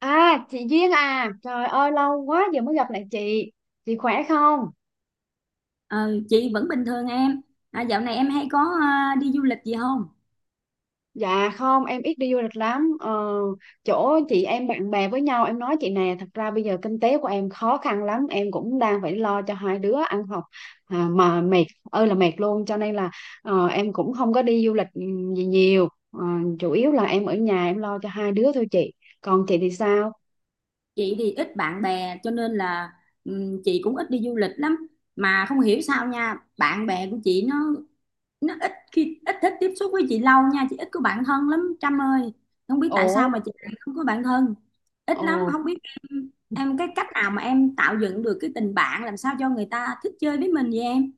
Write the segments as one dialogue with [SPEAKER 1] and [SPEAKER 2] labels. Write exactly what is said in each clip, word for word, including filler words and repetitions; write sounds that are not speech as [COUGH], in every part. [SPEAKER 1] À, chị Duyên à, trời ơi lâu quá giờ mới gặp lại chị. Chị khỏe không?
[SPEAKER 2] Ờ, chị vẫn bình thường em. À, dạo này em hay có à, đi du lịch gì không?
[SPEAKER 1] Dạ không, em ít đi du lịch lắm. Ờ, Chỗ chị em bạn bè với nhau, em nói chị nè, thật ra bây giờ kinh tế của em khó khăn lắm, em cũng đang phải lo cho hai đứa ăn học, à, mà mệt ơi là mệt luôn, cho nên là ờ, em cũng không có đi du lịch ừ, gì nhiều. Ờ, Chủ yếu là em ở nhà em lo cho hai đứa thôi chị. Còn chị thì sao?
[SPEAKER 2] Chị thì ít bạn bè cho nên là ừm, chị cũng ít đi du lịch lắm. Mà không hiểu sao nha, bạn bè của chị nó nó ít khi ít thích tiếp xúc với chị lâu nha, chị ít có bạn thân lắm Trâm ơi. Không biết tại sao
[SPEAKER 1] Ủa.
[SPEAKER 2] mà chị lại không có bạn thân. Ít
[SPEAKER 1] Ồ.
[SPEAKER 2] lắm, không biết em em cái cách nào mà em tạo dựng được cái tình bạn làm sao cho người ta thích chơi với mình vậy em?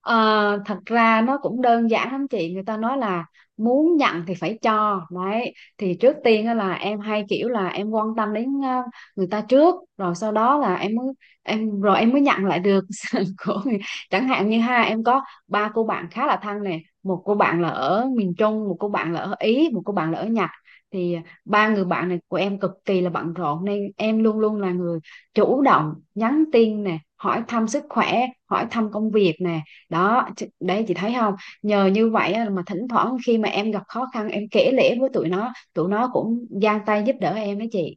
[SPEAKER 1] Ờ, Thật ra nó cũng đơn giản lắm chị, người ta nói là muốn nhận thì phải cho. Đấy thì trước tiên á là em hay kiểu là em quan tâm đến ờ, người ta trước, rồi sau đó là em mới em rồi em mới nhận lại được [LAUGHS] sự của người. Chẳng hạn như ha, em có ba cô bạn khá là thân nè, một cô bạn là ở miền Trung, một cô bạn là ở Ý, một cô bạn là ở Nhật. Thì ba người bạn này của em cực kỳ là bận rộn nên em luôn luôn là người chủ động nhắn tin nè, hỏi thăm sức khỏe, hỏi thăm công việc nè. Đó ch- đấy chị thấy không, nhờ như vậy á, mà thỉnh thoảng khi mà em gặp khó khăn em kể lể với tụi nó, tụi nó cũng giang tay giúp đỡ em đó chị.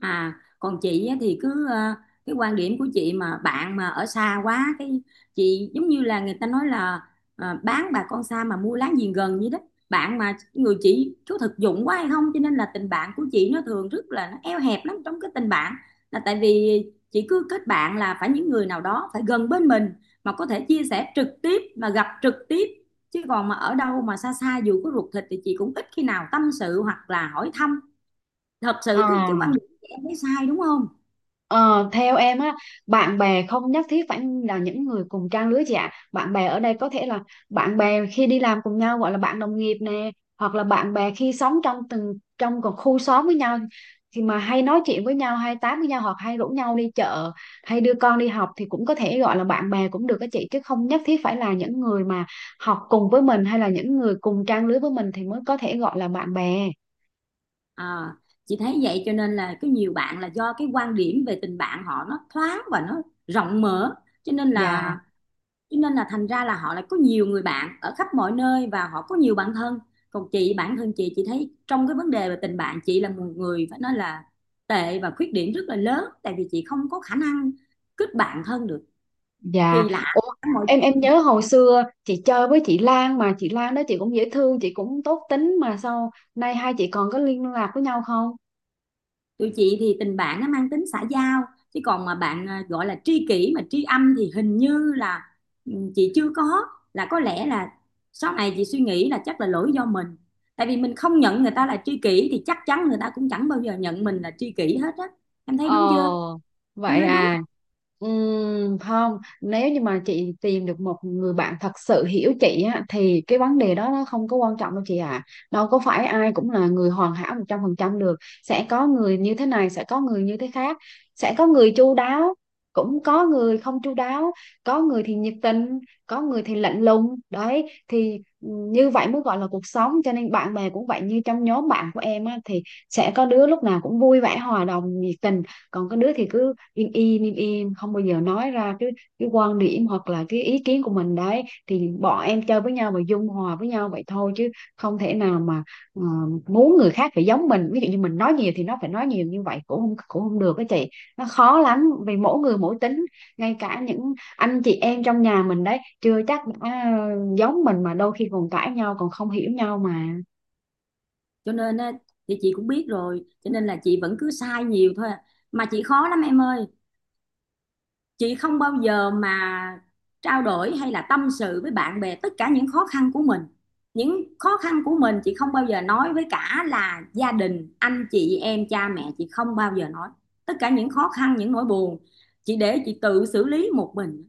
[SPEAKER 2] À, Còn chị á thì cứ ờ, cái quan điểm của chị mà bạn mà ở xa quá cái chị giống như là người ta nói là ờ, bán bà con xa mà mua láng giềng gần vậy đó. Bạn mà người chị có thực dụng quá hay không cho nên là tình bạn của chị nó thường rất là nó eo hẹp lắm trong cái tình bạn là tại vì chị cứ kết bạn là phải những người nào đó phải gần bên mình mà có thể chia sẻ trực tiếp mà gặp trực tiếp chứ còn mà ở đâu mà xa xa dù có ruột thịt thì chị cũng ít khi nào tâm sự hoặc là hỏi thăm thật
[SPEAKER 1] Ờ,
[SPEAKER 2] sự cái cái quan điểm của em thấy sai đúng không.
[SPEAKER 1] Ờ, Theo em á, bạn bè không nhất thiết phải là những người cùng trang lứa chị ạ. Bạn bè ở đây có thể là bạn bè khi đi làm cùng nhau gọi là bạn đồng nghiệp nè, hoặc là bạn bè khi sống trong từng trong một khu xóm với nhau, thì mà hay nói chuyện với nhau, hay tám với nhau, hoặc hay rủ nhau đi chợ, hay đưa con đi học, thì cũng có thể gọi là bạn bè cũng được các chị, chứ không nhất thiết phải là những người mà học cùng với mình hay là những người cùng trang lứa với mình thì mới có thể gọi là bạn bè.
[SPEAKER 2] à, chị thấy vậy cho nên là có nhiều bạn là do cái quan điểm về tình bạn họ nó thoáng và nó rộng mở cho nên là
[SPEAKER 1] Dạ.
[SPEAKER 2] cho nên là thành ra là họ lại có nhiều người bạn ở khắp mọi nơi và họ có nhiều bạn thân, còn chị bản thân chị chị thấy trong cái vấn đề về tình bạn chị là một người phải nói là tệ và khuyết điểm rất là lớn tại vì chị không có khả năng kết bạn thân được,
[SPEAKER 1] Dạ.
[SPEAKER 2] kỳ lạ
[SPEAKER 1] Ủa,
[SPEAKER 2] mọi
[SPEAKER 1] em em
[SPEAKER 2] chuyện.
[SPEAKER 1] nhớ hồi xưa chị chơi với chị Lan, mà chị Lan đó chị cũng dễ thương, chị cũng tốt tính, mà sao nay hai chị còn có liên lạc với nhau không?
[SPEAKER 2] Tụi chị thì tình bạn nó mang tính xã giao chứ còn mà bạn à, gọi là tri kỷ mà tri âm thì hình như là ừ, chị chưa có, là có lẽ là sau này chị suy nghĩ là chắc là lỗi do mình, tại vì mình không nhận người ta là tri kỷ thì chắc chắn người ta cũng chẳng bao giờ nhận mình là tri kỷ hết á, em thấy
[SPEAKER 1] Ờ,
[SPEAKER 2] đúng chưa, em
[SPEAKER 1] Vậy
[SPEAKER 2] nói đúng.
[SPEAKER 1] à. Ừm, không, nếu như mà chị tìm được một người bạn thật sự hiểu chị á, thì cái vấn đề đó nó không có quan trọng đâu chị ạ. Đâu có phải ai cũng là người hoàn hảo một trăm phần trăm được. Sẽ có người như thế này, sẽ có người như thế khác. Sẽ có người chu đáo, cũng có người không chu đáo. Có người thì nhiệt tình, có người thì lạnh lùng. Đấy, thì như vậy mới gọi là cuộc sống. Cho nên bạn bè cũng vậy, như trong nhóm bạn của em á, thì sẽ có đứa lúc nào cũng vui vẻ, hòa đồng, nhiệt tình, còn cái đứa thì cứ im im im im không bao giờ nói ra cái cái quan điểm hoặc là cái ý kiến của mình. Đấy thì bọn em chơi với nhau và dung hòa với nhau vậy thôi, chứ không thể nào mà ờ, muốn người khác phải giống mình, ví dụ như mình nói nhiều thì nó phải nói nhiều, như vậy cũng không cũng không được đó chị. Nó khó lắm vì mỗi người mỗi tính, ngay cả những anh chị em trong nhà mình đấy chưa chắc đã giống mình, mà đôi khi còn cãi nhau còn không hiểu nhau mà.
[SPEAKER 2] Cho nên à, thì chị cũng biết rồi cho nên là chị vẫn cứ sai nhiều thôi à. Mà chị khó lắm em ơi, chị không bao giờ mà trao đổi hay là tâm sự với bạn bè tất cả những khó khăn của mình, những khó khăn của mình chị không bao giờ nói với cả là gia đình anh chị em cha mẹ, chị không bao giờ nói tất cả những khó khăn những nỗi buồn, chị để chị tự xử lý một mình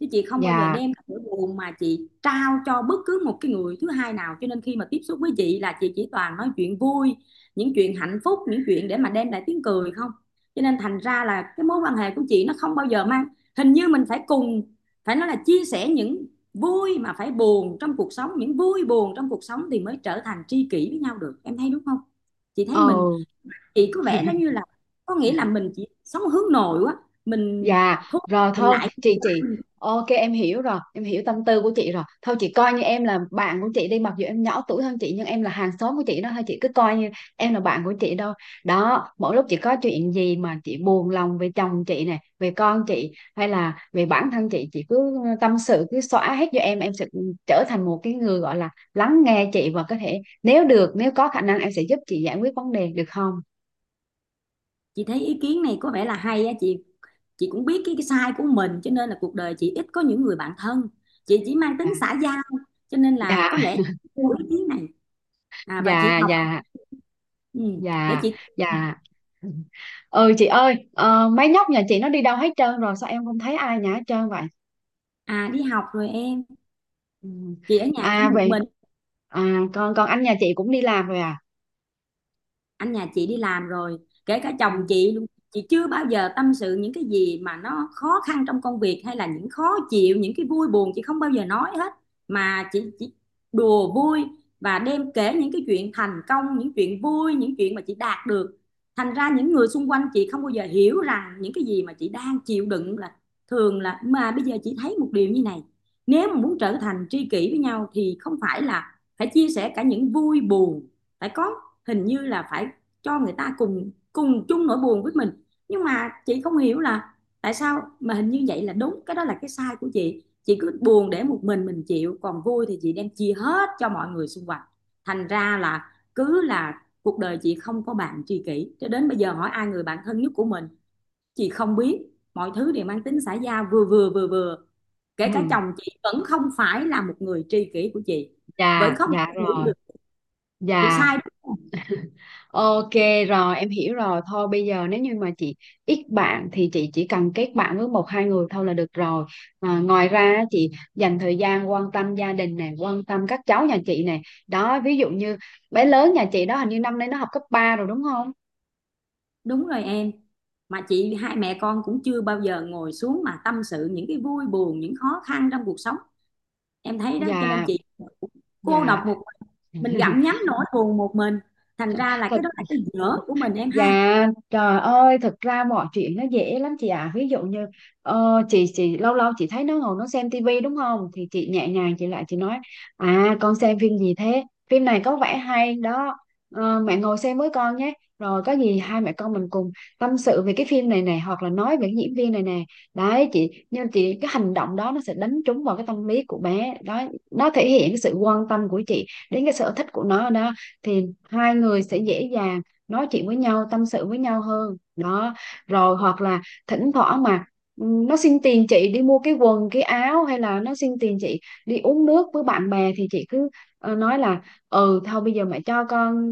[SPEAKER 2] chứ chị không bao giờ
[SPEAKER 1] Dạ.
[SPEAKER 2] đem cái nỗi buồn mà chị trao cho bất cứ một cái người thứ hai nào, cho nên khi mà tiếp xúc với chị là chị chỉ toàn nói chuyện vui, những chuyện hạnh phúc, những chuyện để mà đem lại tiếng cười không. Cho nên thành ra là cái mối quan hệ của chị nó không bao giờ mang, hình như mình phải cùng phải nói là chia sẻ những vui mà phải buồn trong cuộc sống, những vui buồn trong cuộc sống thì mới trở thành tri kỷ với nhau được, em thấy đúng không. Chị thấy
[SPEAKER 1] Ờ.
[SPEAKER 2] mình, chị có vẻ nó như là có nghĩa là mình chỉ sống hướng nội quá, mình
[SPEAKER 1] Dạ,
[SPEAKER 2] thôi,
[SPEAKER 1] rồi
[SPEAKER 2] mình
[SPEAKER 1] thôi,
[SPEAKER 2] lại nhiều
[SPEAKER 1] chị
[SPEAKER 2] quá.
[SPEAKER 1] chị ok em hiểu rồi, em hiểu tâm tư của chị rồi. Thôi chị coi như em là bạn của chị đi, mặc dù em nhỏ tuổi hơn chị nhưng em là hàng xóm của chị đó, thôi chị cứ coi như em là bạn của chị đâu. Đó, mỗi lúc chị có chuyện gì mà chị buồn lòng về chồng chị này, về con chị hay là về bản thân chị, chị cứ tâm sự cứ xóa hết cho em, em sẽ trở thành một cái người gọi là lắng nghe chị, và có thể nếu được, nếu có khả năng em sẽ giúp chị giải quyết vấn đề được không?
[SPEAKER 2] Chị thấy ý kiến này có vẻ là hay á chị chị cũng biết cái, cái sai của mình cho nên là cuộc đời chị ít có những người bạn thân, chị chỉ mang
[SPEAKER 1] Dạ.
[SPEAKER 2] tính xã giao, cho nên là
[SPEAKER 1] Dạ.
[SPEAKER 2] có lẽ chị yêu ý kiến này. À, và chị
[SPEAKER 1] Dạ.
[SPEAKER 2] học,
[SPEAKER 1] Dạ.
[SPEAKER 2] ừ, để
[SPEAKER 1] Dạ,
[SPEAKER 2] chị.
[SPEAKER 1] dạ. Ừ chị ơi, ờ, mấy nhóc nhà chị nó đi đâu hết trơn rồi, sao em không thấy ai nhà hết trơn vậy?
[SPEAKER 2] À đi học rồi em,
[SPEAKER 1] Ừ.
[SPEAKER 2] chị ở nhà chỉ
[SPEAKER 1] À
[SPEAKER 2] một
[SPEAKER 1] vậy.
[SPEAKER 2] mình.
[SPEAKER 1] À còn còn anh nhà chị cũng đi làm rồi à?
[SPEAKER 2] Anh nhà chị đi làm rồi, kể cả chồng
[SPEAKER 1] Ừ.
[SPEAKER 2] chị luôn. Chị chưa bao giờ tâm sự những cái gì mà nó khó khăn trong công việc hay là những khó chịu, những cái vui buồn chị không bao giờ nói hết, mà chị chỉ đùa vui và đem kể những cái chuyện thành công, những chuyện vui, những chuyện mà chị đạt được. Thành ra những người xung quanh chị không bao giờ hiểu rằng những cái gì mà chị đang chịu đựng là thường là. Mà bây giờ chị thấy một điều như này, nếu mà muốn trở thành tri kỷ với nhau thì không phải là phải chia sẻ cả những vui buồn, phải có, hình như là phải cho người ta cùng cùng chung nỗi buồn với mình. Nhưng mà chị không hiểu là tại sao mà hình như vậy là đúng, cái đó là cái sai của chị chị cứ buồn để một mình mình chịu, còn vui thì chị đem chia hết cho mọi người xung quanh. Thành ra là cứ là cuộc đời chị không có bạn tri kỷ, cho đến bây giờ hỏi ai người bạn thân nhất của mình chị không biết, mọi thứ đều mang tính xã giao, vừa vừa vừa vừa kể cả
[SPEAKER 1] Ừ.
[SPEAKER 2] chồng chị vẫn không phải là một người tri kỷ của chị, vẫn
[SPEAKER 1] Dạ,
[SPEAKER 2] không
[SPEAKER 1] dạ
[SPEAKER 2] thể hiểu
[SPEAKER 1] rồi.
[SPEAKER 2] được. Chị
[SPEAKER 1] Dạ.
[SPEAKER 2] sai đúng không?
[SPEAKER 1] Ok rồi em hiểu rồi. Thôi bây giờ nếu như mà chị ít bạn thì chị chỉ cần kết bạn với một hai người thôi là được rồi. À, ngoài ra á, chị dành thời gian quan tâm gia đình này, quan tâm các cháu nhà chị này. Đó, ví dụ như bé lớn nhà chị đó hình như năm nay nó học cấp ba rồi đúng không?
[SPEAKER 2] Đúng rồi em. Mà chị hai mẹ con cũng chưa bao giờ ngồi xuống mà tâm sự những cái vui buồn, những khó khăn trong cuộc sống. Em thấy đó cho
[SPEAKER 1] Dạ.
[SPEAKER 2] nên chị cũng cô độc
[SPEAKER 1] Dạ.
[SPEAKER 2] một mình,
[SPEAKER 1] [LAUGHS]
[SPEAKER 2] mình gặm nhấm nỗi buồn một mình. Thành ra là
[SPEAKER 1] Thật.
[SPEAKER 2] cái đó là cái dở của mình em ha.
[SPEAKER 1] Dạ, trời ơi, thực ra mọi chuyện nó dễ lắm chị ạ. Ví dụ như ờ, chị chị lâu lâu chị thấy nó ngồi nó xem tivi đúng không? Thì chị nhẹ nhàng chị lại chị nói: à con xem phim gì thế? Phim này có vẻ hay đó. Ờ, mẹ ngồi xem với con nhé. Rồi có gì hai mẹ con mình cùng tâm sự về cái phim này này hoặc là nói về cái diễn viên này nè. Đấy chị, nhưng chị cái hành động đó nó sẽ đánh trúng vào cái tâm lý của bé. Đó, nó thể hiện cái sự quan tâm của chị đến cái sở thích của nó đó, thì hai người sẽ dễ dàng nói chuyện với nhau tâm sự với nhau hơn đó. Rồi hoặc là thỉnh thoảng mà ừ, nó xin tiền chị đi mua cái quần cái áo hay là nó xin tiền chị đi uống nước với bạn bè, thì chị cứ ờ, nói là: ừ thôi bây giờ mẹ cho con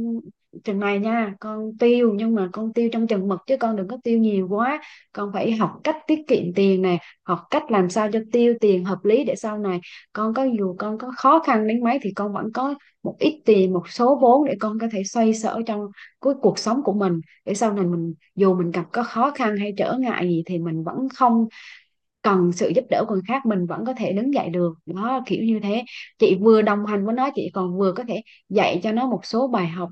[SPEAKER 1] chừng này nha con, tiêu nhưng mà con tiêu trong chừng mực chứ con đừng có tiêu nhiều quá, con phải học cách tiết kiệm tiền nè, học cách làm sao cho tiêu tiền hợp lý để sau này con có dù con có khó khăn đến mấy thì con vẫn có một ít tiền một số vốn để con có thể xoay sở trong của cuộc sống của mình, để sau này mình dù mình gặp có khó khăn hay trở ngại gì thì mình vẫn không cần sự giúp đỡ của người khác, mình vẫn có thể đứng dậy được đó kiểu như thế. Chị vừa đồng hành với nó chị còn vừa có thể dạy cho nó một số bài học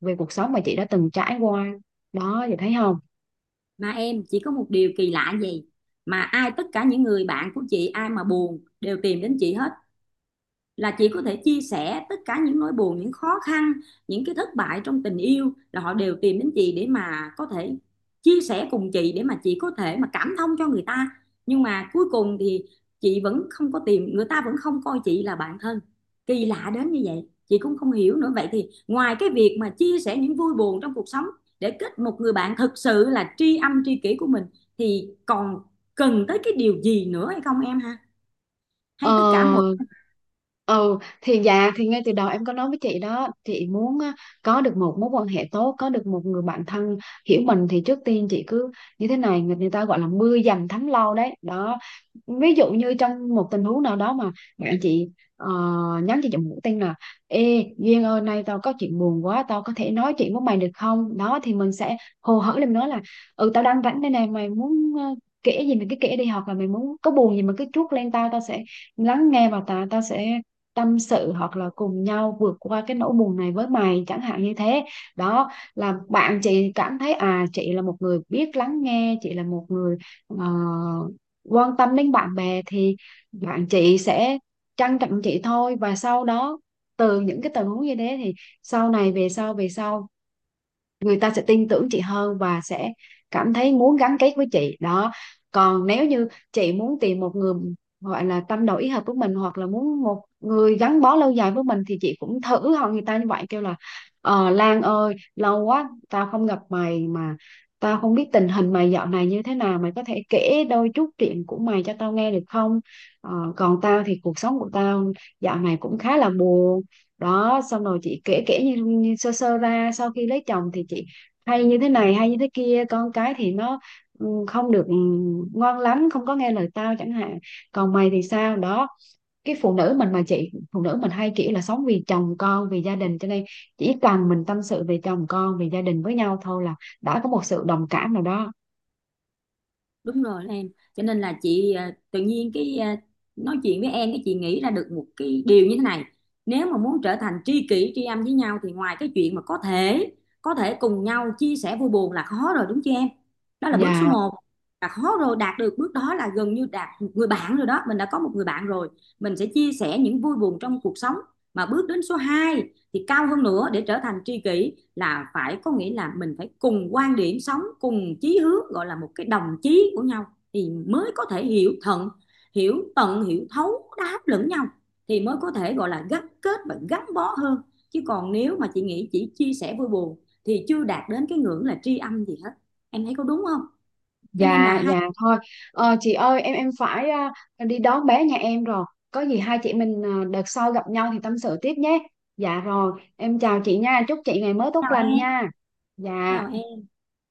[SPEAKER 1] về cuộc sống mà chị đã từng trải qua, đó chị thấy không?
[SPEAKER 2] Mà em chỉ có một điều kỳ lạ gì mà ai tất cả những người bạn của chị ai mà buồn đều tìm đến chị hết, là chị có thể chia sẻ tất cả những nỗi buồn, những khó khăn, những cái thất bại trong tình yêu, là họ đều tìm đến chị để mà có thể chia sẻ cùng chị để mà chị có thể mà cảm thông cho người ta. Nhưng mà cuối cùng thì chị vẫn không có tìm, người ta vẫn không coi chị là bạn thân, kỳ lạ đến như vậy chị cũng không hiểu nữa. Vậy thì ngoài cái việc mà chia sẻ những vui buồn trong cuộc sống để kết một người bạn thực sự là tri âm tri kỷ của mình thì còn cần tới cái điều gì nữa hay không em ha,
[SPEAKER 1] Ờ,
[SPEAKER 2] hay tất cả mọi.
[SPEAKER 1] ừ thì dạ thì ngay từ đầu em có nói với chị đó, chị muốn á, có được một mối quan hệ tốt, có được một người bạn thân hiểu mình, thì trước tiên chị cứ như thế này, người người ta gọi là mưa dầm thấm lâu đấy đó. Ví dụ như trong một tình huống nào đó mà bạn chị ờ, nhắn cho chị một tin là: ê Duyên ơi nay tao có chuyện buồn quá tao có thể nói chuyện với mày được không? Đó thì mình sẽ hồ hởi lên nói là: ừ tao đang rảnh đây này, mày muốn ờ, kể gì mình cứ kể đi, hoặc là mày muốn có buồn gì mà cứ trút lên tao, tao sẽ lắng nghe và ta ta sẽ tâm sự hoặc là cùng nhau vượt qua cái nỗi buồn này với mày, chẳng hạn như thế. Đó là bạn chị cảm thấy à chị là một người biết lắng nghe, chị là một người ờ, quan tâm đến bạn bè, thì bạn chị sẽ trân trọng chị thôi, và sau đó từ những cái tình huống như thế thì sau này về sau về sau người ta sẽ tin tưởng chị hơn và sẽ cảm thấy muốn gắn kết với chị đó. Còn nếu như chị muốn tìm một người gọi là tâm đầu ý hợp với mình hoặc là muốn một người gắn bó lâu dài với mình thì chị cũng thử hỏi người ta như vậy, kêu là ờ, Lan ơi lâu quá tao không gặp mày, mà tao không biết tình hình mày dạo này như thế nào, mày có thể kể đôi chút chuyện của mày cho tao nghe được không? Ờ, Còn tao thì cuộc sống của tao dạo này cũng khá là buồn đó. Xong rồi chị kể, kể như, như sơ sơ ra sau khi lấy chồng thì chị hay như thế này hay như thế kia, con cái thì nó ừ, không được ừ, ngoan lắm không có nghe lời tao chẳng hạn, còn mày thì sao đó. Cái phụ nữ mình mà chị, phụ nữ mình hay kiểu là sống vì chồng con vì gia đình cho nên chỉ cần mình tâm sự về chồng con về gia đình với nhau thôi là đã có một sự đồng cảm nào đó.
[SPEAKER 2] Đúng rồi đó em, cho nên là chị à, tự nhiên cái à, nói chuyện với em cái chị nghĩ ra được một cái điều như thế này, nếu mà muốn trở thành tri kỷ tri âm với nhau thì ngoài cái chuyện mà có thể có thể cùng nhau chia sẻ vui buồn là khó rồi đúng chưa em, đó là bước số
[SPEAKER 1] Và.
[SPEAKER 2] một, là khó rồi, đạt được bước đó là gần như đạt một người bạn rồi đó, mình đã có một người bạn rồi, mình sẽ chia sẻ những vui buồn trong cuộc sống. Mà bước đến số hai thì cao hơn nữa để trở thành tri kỷ là phải, có nghĩa là mình phải cùng quan điểm sống, cùng chí hướng, gọi là một cái đồng chí của nhau, thì mới có thể hiểu thận, hiểu tận, hiểu thấu đáp lẫn nhau, thì mới có thể gọi là gắn kết và gắn bó hơn. Chứ còn nếu mà chị nghĩ chỉ chia sẻ vui buồn thì chưa đạt đến cái ngưỡng là tri âm gì hết, em thấy có đúng không, cho nên là
[SPEAKER 1] Dạ,
[SPEAKER 2] hai.
[SPEAKER 1] dạ thôi. Ờ, chị ơi, em em phải, à, đi đón bé nhà em rồi. Có gì hai chị mình à, đợt sau gặp nhau thì tâm sự tiếp nhé. Dạ rồi, em chào chị nha. Chúc chị ngày mới tốt
[SPEAKER 2] Chào
[SPEAKER 1] lành
[SPEAKER 2] em,
[SPEAKER 1] nha.
[SPEAKER 2] chào
[SPEAKER 1] Dạ.
[SPEAKER 2] em.